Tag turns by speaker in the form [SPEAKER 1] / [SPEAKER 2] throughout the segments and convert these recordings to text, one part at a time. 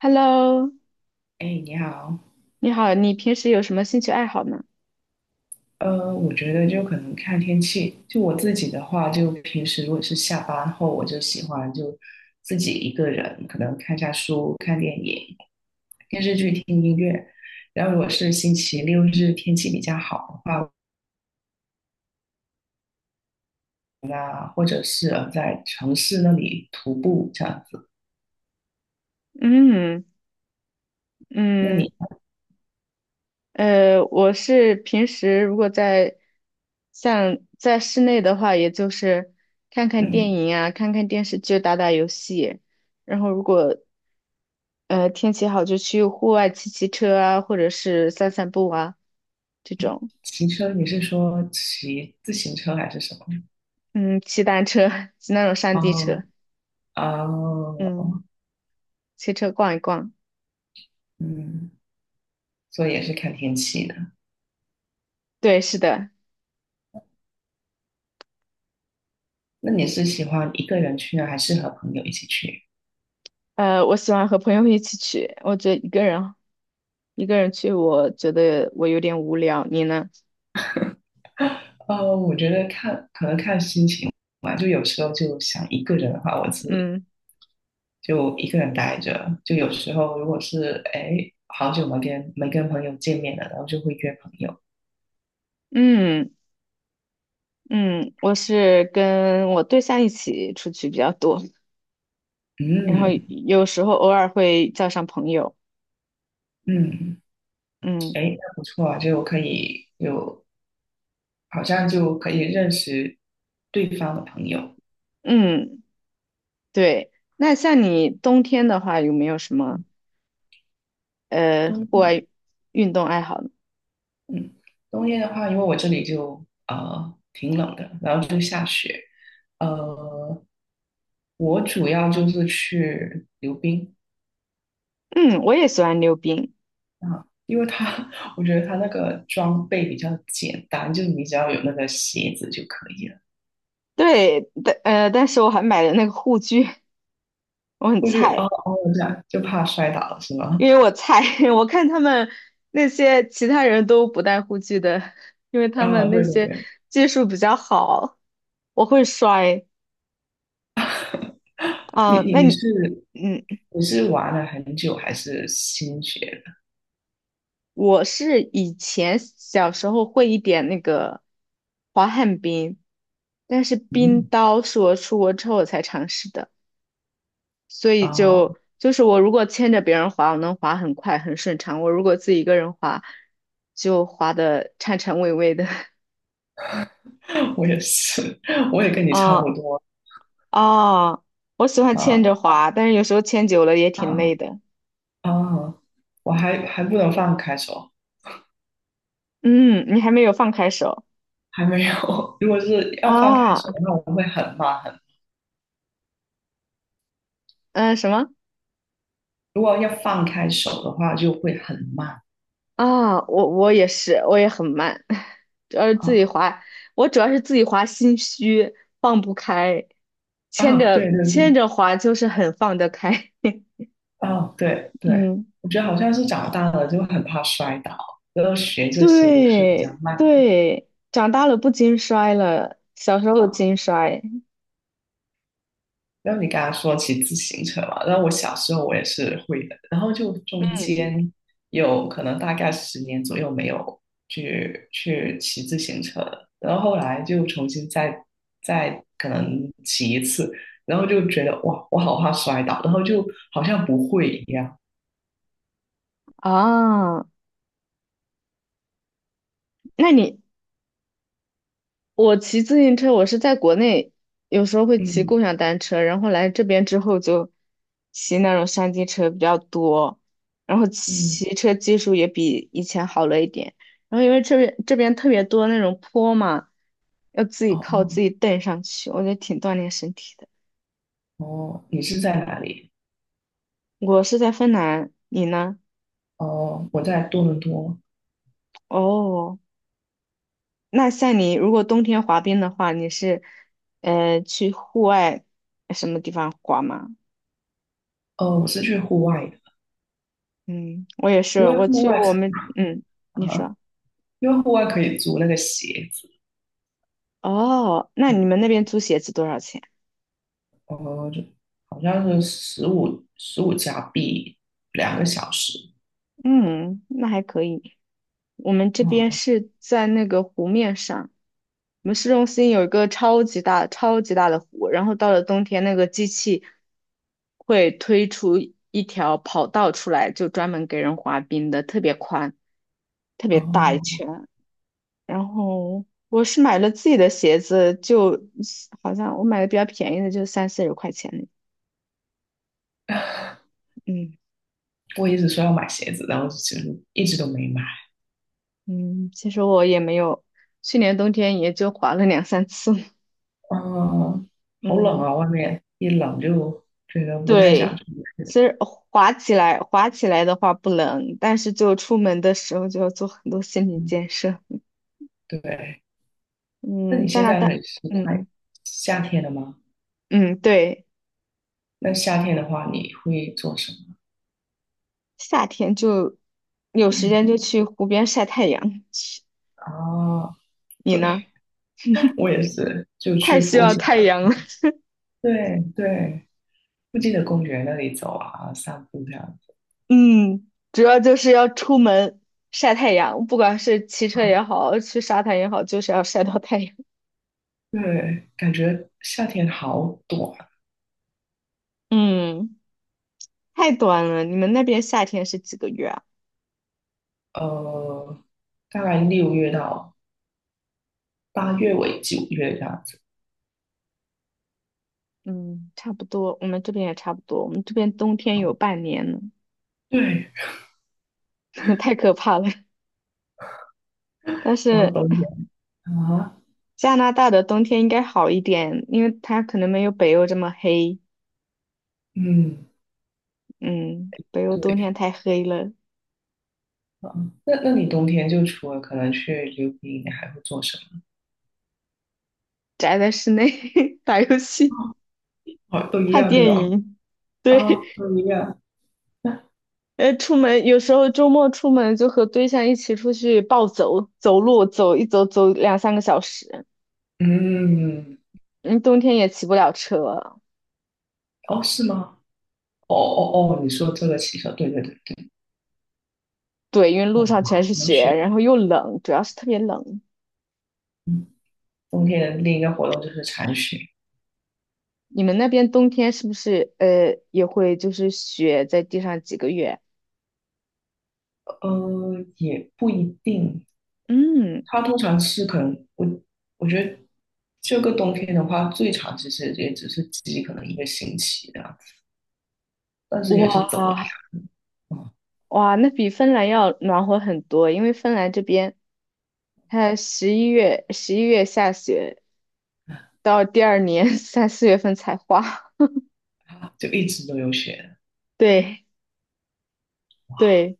[SPEAKER 1] Hello，
[SPEAKER 2] 哎，你好，
[SPEAKER 1] 你好，你平时有什么兴趣爱好呢？
[SPEAKER 2] 我觉得就可能看天气。就我自己的话，就平时如果是下班后，我就喜欢就自己一个人，可能看下书、看电影、追剧、听音乐。然后如果是星期六日天气比较好的话，啊，或者是在城市那里徒步这样子。
[SPEAKER 1] 嗯
[SPEAKER 2] 那
[SPEAKER 1] 嗯，
[SPEAKER 2] 你，
[SPEAKER 1] 我是平时如果在像在室内的话，也就是看看电
[SPEAKER 2] 嗯，
[SPEAKER 1] 影啊，看看电视剧，打打游戏，然后如果天气好，就去户外骑骑车啊，或者是散散步啊，这种。
[SPEAKER 2] 骑车你是说骑自行车还是什么？
[SPEAKER 1] 嗯，骑单车，骑那种山地
[SPEAKER 2] 哦，
[SPEAKER 1] 车。嗯，
[SPEAKER 2] 哦，
[SPEAKER 1] 骑车逛一逛。
[SPEAKER 2] 嗯，所以也是看天气的。
[SPEAKER 1] 对，是的。
[SPEAKER 2] 那你是喜欢一个人去呢，还是和朋友一起去？
[SPEAKER 1] 我喜欢和朋友一起去，我觉得一个人去，我觉得我有点无聊。你呢？
[SPEAKER 2] 我觉得可能看心情吧，就有时候就想一个人的话，我是
[SPEAKER 1] 嗯
[SPEAKER 2] 就一个人待着；就有时候如果是哎好久没跟朋友见面了，然后就会约朋友。
[SPEAKER 1] 嗯嗯，我是跟我对象一起出去比较多，然后
[SPEAKER 2] 嗯
[SPEAKER 1] 有时候偶尔会叫上朋友。
[SPEAKER 2] 嗯，
[SPEAKER 1] 嗯
[SPEAKER 2] 哎，那不错啊，就可以有好像就可以认识对方的朋友。
[SPEAKER 1] 嗯，对。那像你冬天的话，有没有什么户外
[SPEAKER 2] 嗯，
[SPEAKER 1] 运动爱好呢？
[SPEAKER 2] 嗯，冬天的话，因为我这里就挺冷的，然后就下雪。呃，我主要就是去溜冰
[SPEAKER 1] 嗯，我也喜欢溜冰。
[SPEAKER 2] 啊，因为它 我觉得它那个装备比较简单，就你只要有那个鞋子就可以了。
[SPEAKER 1] 对，但是我还买了那个护具，我很
[SPEAKER 2] 我觉得哦
[SPEAKER 1] 菜。
[SPEAKER 2] 哦，这样就怕摔倒了是吗？
[SPEAKER 1] 因为我菜，我看他们那些其他人都不戴护具的，因为 他
[SPEAKER 2] 啊，
[SPEAKER 1] 们那
[SPEAKER 2] 对对
[SPEAKER 1] 些
[SPEAKER 2] 对，
[SPEAKER 1] 技术比较好，我会摔。
[SPEAKER 2] 你
[SPEAKER 1] 啊，
[SPEAKER 2] 你
[SPEAKER 1] 那
[SPEAKER 2] 你
[SPEAKER 1] 你。
[SPEAKER 2] 是
[SPEAKER 1] 嗯，
[SPEAKER 2] 你是玩了很久还是新学的？
[SPEAKER 1] 我是以前小时候会一点那个滑旱冰，但是冰
[SPEAKER 2] 嗯，
[SPEAKER 1] 刀是我出国之后我才尝试的，所以
[SPEAKER 2] 啊，
[SPEAKER 1] 就是我如果牵着别人滑，我能滑很快很顺畅；我如果自己一个人滑，就滑的颤颤巍巍的。
[SPEAKER 2] 我也是，我也跟你差
[SPEAKER 1] 嗯，
[SPEAKER 2] 不多
[SPEAKER 1] 哦，我喜欢牵着
[SPEAKER 2] 啊
[SPEAKER 1] 滑，但是有时候牵久了也挺累
[SPEAKER 2] 啊。
[SPEAKER 1] 的。
[SPEAKER 2] 哦，我还不能放开手，
[SPEAKER 1] 嗯，你还没有放开手
[SPEAKER 2] 还没有。如果是要放开
[SPEAKER 1] 啊？
[SPEAKER 2] 手的话，我会很慢；
[SPEAKER 1] 嗯，什么？
[SPEAKER 2] 如果要放开手的话，就会很慢
[SPEAKER 1] 啊？我也是，我也很慢，主要是自
[SPEAKER 2] 啊
[SPEAKER 1] 己滑，我主要是自己滑心虚，放不开，牵
[SPEAKER 2] 啊！
[SPEAKER 1] 着
[SPEAKER 2] 对对
[SPEAKER 1] 牵
[SPEAKER 2] 对，
[SPEAKER 1] 着滑就是很放得开。
[SPEAKER 2] 啊对 对，
[SPEAKER 1] 嗯，
[SPEAKER 2] 我觉得好像是长大了就很怕摔倒，然后学这些都是比较
[SPEAKER 1] 对
[SPEAKER 2] 慢的。
[SPEAKER 1] 对，长大了不经摔了，小时候
[SPEAKER 2] 啊
[SPEAKER 1] 经摔
[SPEAKER 2] 然后你刚刚说骑自行车嘛，然后我小时候我也是会的，然后就中
[SPEAKER 1] 嗯
[SPEAKER 2] 间有可能大概10年左右没有去骑自行车了，然后后来就重新再可能骑一次，然后就觉得哇，我好怕摔倒，然后就好像不会一样。
[SPEAKER 1] 啊。那你，我骑自行车，我是在国内有时候会骑
[SPEAKER 2] 嗯
[SPEAKER 1] 共享单车，然后来这边之后就骑那种山地车比较多，然后
[SPEAKER 2] 嗯，
[SPEAKER 1] 骑车技术也比以前好了一点。然后因为这边特别多那种坡嘛，要自己
[SPEAKER 2] 哦
[SPEAKER 1] 靠自己蹬上去，我觉得挺锻炼身体的。
[SPEAKER 2] 哦哦，你是在哪里？
[SPEAKER 1] 我是在芬兰，你呢？
[SPEAKER 2] 哦，我在多伦多。
[SPEAKER 1] 哦，那像你如果冬天滑冰的话，你是去户外什么地方滑吗？
[SPEAKER 2] 哦，我是去户外的，
[SPEAKER 1] 嗯，我也
[SPEAKER 2] 因
[SPEAKER 1] 是，
[SPEAKER 2] 为
[SPEAKER 1] 我
[SPEAKER 2] 户
[SPEAKER 1] 去
[SPEAKER 2] 外
[SPEAKER 1] 我们，嗯，你
[SPEAKER 2] 啊，
[SPEAKER 1] 说。
[SPEAKER 2] 因为户外可以租那个鞋。子。
[SPEAKER 1] 哦，那你们那边租鞋子多少钱？
[SPEAKER 2] 哦，就好像是十五加币2个小时。
[SPEAKER 1] 嗯，那还可以。我们这边
[SPEAKER 2] 哦
[SPEAKER 1] 是在那个湖面上，我们市中心有一个超级大、超级大的湖，然后到了冬天，那个机器会推出一条跑道出来，就专门给人滑冰的，特别宽，特别大一
[SPEAKER 2] 哦
[SPEAKER 1] 圈。然后我是买了自己的鞋子，就好像我买的比较便宜的，就30-40块钱。 嗯
[SPEAKER 2] 我一直说要买鞋子，然后一直都没买。
[SPEAKER 1] 嗯，其实我也没有，去年冬天也就滑了两三次。
[SPEAKER 2] 嗯，好冷
[SPEAKER 1] 嗯，
[SPEAKER 2] 啊，外面一冷就觉得不太想
[SPEAKER 1] 对，
[SPEAKER 2] 出
[SPEAKER 1] 其
[SPEAKER 2] 去。
[SPEAKER 1] 实滑起来的话不冷，但是就出门的时候就要做很多心理
[SPEAKER 2] 嗯，
[SPEAKER 1] 建设。
[SPEAKER 2] 对。那
[SPEAKER 1] 嗯，
[SPEAKER 2] 你
[SPEAKER 1] 在
[SPEAKER 2] 现
[SPEAKER 1] 那
[SPEAKER 2] 在那
[SPEAKER 1] 大。
[SPEAKER 2] 里是
[SPEAKER 1] 嗯
[SPEAKER 2] 快
[SPEAKER 1] 嗯
[SPEAKER 2] 夏天了吗？
[SPEAKER 1] 嗯，对，
[SPEAKER 2] 那夏天的话，你会做什么？
[SPEAKER 1] 夏天就有时
[SPEAKER 2] 嗯，
[SPEAKER 1] 间就去湖边晒太阳。
[SPEAKER 2] 啊，
[SPEAKER 1] 你
[SPEAKER 2] 对，
[SPEAKER 1] 呢？
[SPEAKER 2] 我也是，就
[SPEAKER 1] 太
[SPEAKER 2] 去
[SPEAKER 1] 需
[SPEAKER 2] 服附
[SPEAKER 1] 要
[SPEAKER 2] 近的。
[SPEAKER 1] 太阳了。
[SPEAKER 2] 对对。附近的公园那里走啊，散步这样子
[SPEAKER 1] 嗯，主要就是要出门晒太阳，不管是骑车
[SPEAKER 2] 啊。
[SPEAKER 1] 也好，去沙滩也好，就是要晒到太阳。
[SPEAKER 2] 对，感觉夏天好短，
[SPEAKER 1] 嗯，太短了。你们那边夏天是几个月啊？
[SPEAKER 2] 呃，大概6月到8月尾9月这样子。
[SPEAKER 1] 嗯，差不多，我们这边也差不多。我们这边冬天有半年呢，
[SPEAKER 2] 对，
[SPEAKER 1] 太可怕了。但
[SPEAKER 2] 然后
[SPEAKER 1] 是
[SPEAKER 2] 冬天啊，
[SPEAKER 1] 加拿大的冬天应该好一点，因为它可能没有北欧这么黑。
[SPEAKER 2] 嗯，
[SPEAKER 1] 嗯，北欧冬
[SPEAKER 2] 对
[SPEAKER 1] 天太黑了，
[SPEAKER 2] 啊。那你冬天就除了可能去溜冰，你还会做什么？
[SPEAKER 1] 宅在室内 打游戏、
[SPEAKER 2] 啊，哦，都一
[SPEAKER 1] 看
[SPEAKER 2] 样对
[SPEAKER 1] 电
[SPEAKER 2] 吧？
[SPEAKER 1] 影。
[SPEAKER 2] 啊，
[SPEAKER 1] 对，
[SPEAKER 2] 都一样。
[SPEAKER 1] 出门有时候周末出门就和对象一起出去暴走，走路走一走走两三个小时。
[SPEAKER 2] 嗯，
[SPEAKER 1] 嗯，冬天也骑不了车。
[SPEAKER 2] 哦，是吗？哦哦哦，你说这个骑车，对对对对，
[SPEAKER 1] 对，因为
[SPEAKER 2] 哦，
[SPEAKER 1] 路上全
[SPEAKER 2] 好
[SPEAKER 1] 是
[SPEAKER 2] 能
[SPEAKER 1] 雪，
[SPEAKER 2] 雪。
[SPEAKER 1] 然后又冷，主要是特别冷。
[SPEAKER 2] 嗯，冬天的另一个活动就是铲雪，
[SPEAKER 1] 你们那边冬天是不是也会就是雪在地上几个月？
[SPEAKER 2] 也不一定，
[SPEAKER 1] 嗯，
[SPEAKER 2] 它通常是可能我觉得这个冬天的话，最长其实也只是积可能一个星期这样子，但是也是走了
[SPEAKER 1] 哇
[SPEAKER 2] 两，嗯，
[SPEAKER 1] 哇，那比芬兰要暖和很多，因为芬兰这边它十一月下雪，到第二年 三四月份才化。
[SPEAKER 2] 就一直都有雪。
[SPEAKER 1] 对对，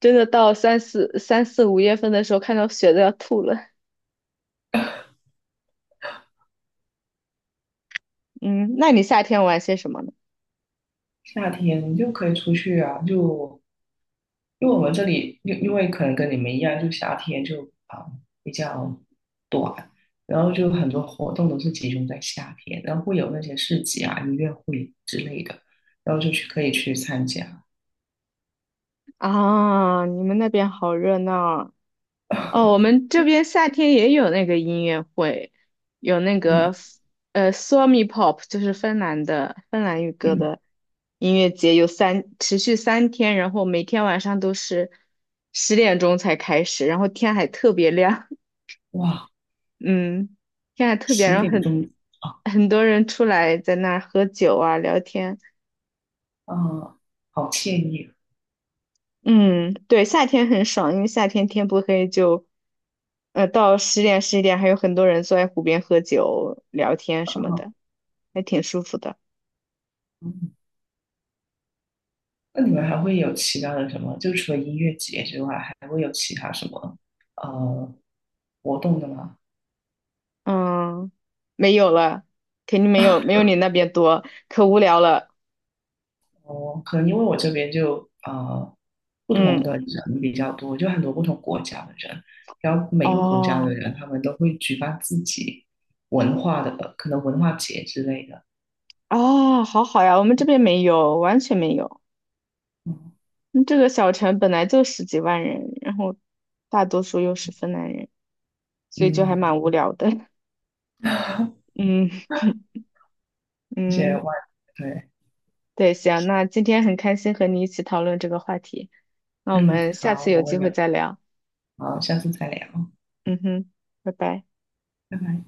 [SPEAKER 1] 真的到三四五月份的时候，看到雪都要吐了。嗯，那你夏天玩些什么呢？
[SPEAKER 2] 夏天就可以出去啊，就因为我们这里因为可能跟你们一样，就夏天就啊、比较短，然后就很多活动都是集中在夏天，然后会有那些市集啊、音乐会之类的，然后就去可以去参加，
[SPEAKER 1] 啊，你们那边好热闹哦，我们这边夏天也有那个音乐会，有那
[SPEAKER 2] 嗯。
[SPEAKER 1] 个Suomi Pop，就是芬兰的芬兰语歌
[SPEAKER 2] 嗯，
[SPEAKER 1] 的音乐节，持续3天，然后每天晚上都是10点钟才开始，然后天还特别亮，
[SPEAKER 2] 哇，
[SPEAKER 1] 嗯，天还特别，
[SPEAKER 2] 十
[SPEAKER 1] 然后
[SPEAKER 2] 点
[SPEAKER 1] 很
[SPEAKER 2] 钟啊，
[SPEAKER 1] 很多人出来在那儿喝酒啊、聊天。
[SPEAKER 2] 啊，好惬意
[SPEAKER 1] 嗯，对，夏天很爽，因为夏天天不黑就，到十点十一点还有很多人坐在湖边喝酒聊天什么
[SPEAKER 2] 啊，
[SPEAKER 1] 的，还挺舒服的。
[SPEAKER 2] 嗯，那你们还会有其他的什么？就除了音乐节之外，还会有其他什么呃活动的吗？
[SPEAKER 1] 嗯，没有了，肯定没有你那边多，可无聊了。
[SPEAKER 2] 哦，可能因为我这边就不同
[SPEAKER 1] 嗯，
[SPEAKER 2] 的人比较多，就很多不同国家的人，然后每个国家
[SPEAKER 1] 哦
[SPEAKER 2] 的人他们都会举办自己文化的可能文化节之类的，
[SPEAKER 1] 哦，好好呀，我们这边没有，完全没有。
[SPEAKER 2] 嗯
[SPEAKER 1] 嗯，这个小城本来就十几万人，然后大多数又是芬兰人，所以就还
[SPEAKER 2] 嗯
[SPEAKER 1] 蛮无聊的。嗯
[SPEAKER 2] 而且
[SPEAKER 1] 嗯。
[SPEAKER 2] 外对，
[SPEAKER 1] 对，行，那今天很开心和你一起讨论这个话题，那我
[SPEAKER 2] 嗯，
[SPEAKER 1] 们下
[SPEAKER 2] 好，
[SPEAKER 1] 次有
[SPEAKER 2] 我
[SPEAKER 1] 机
[SPEAKER 2] 们
[SPEAKER 1] 会
[SPEAKER 2] 有。
[SPEAKER 1] 再聊。
[SPEAKER 2] 好，下次再聊，
[SPEAKER 1] 嗯哼，拜拜。
[SPEAKER 2] 拜拜。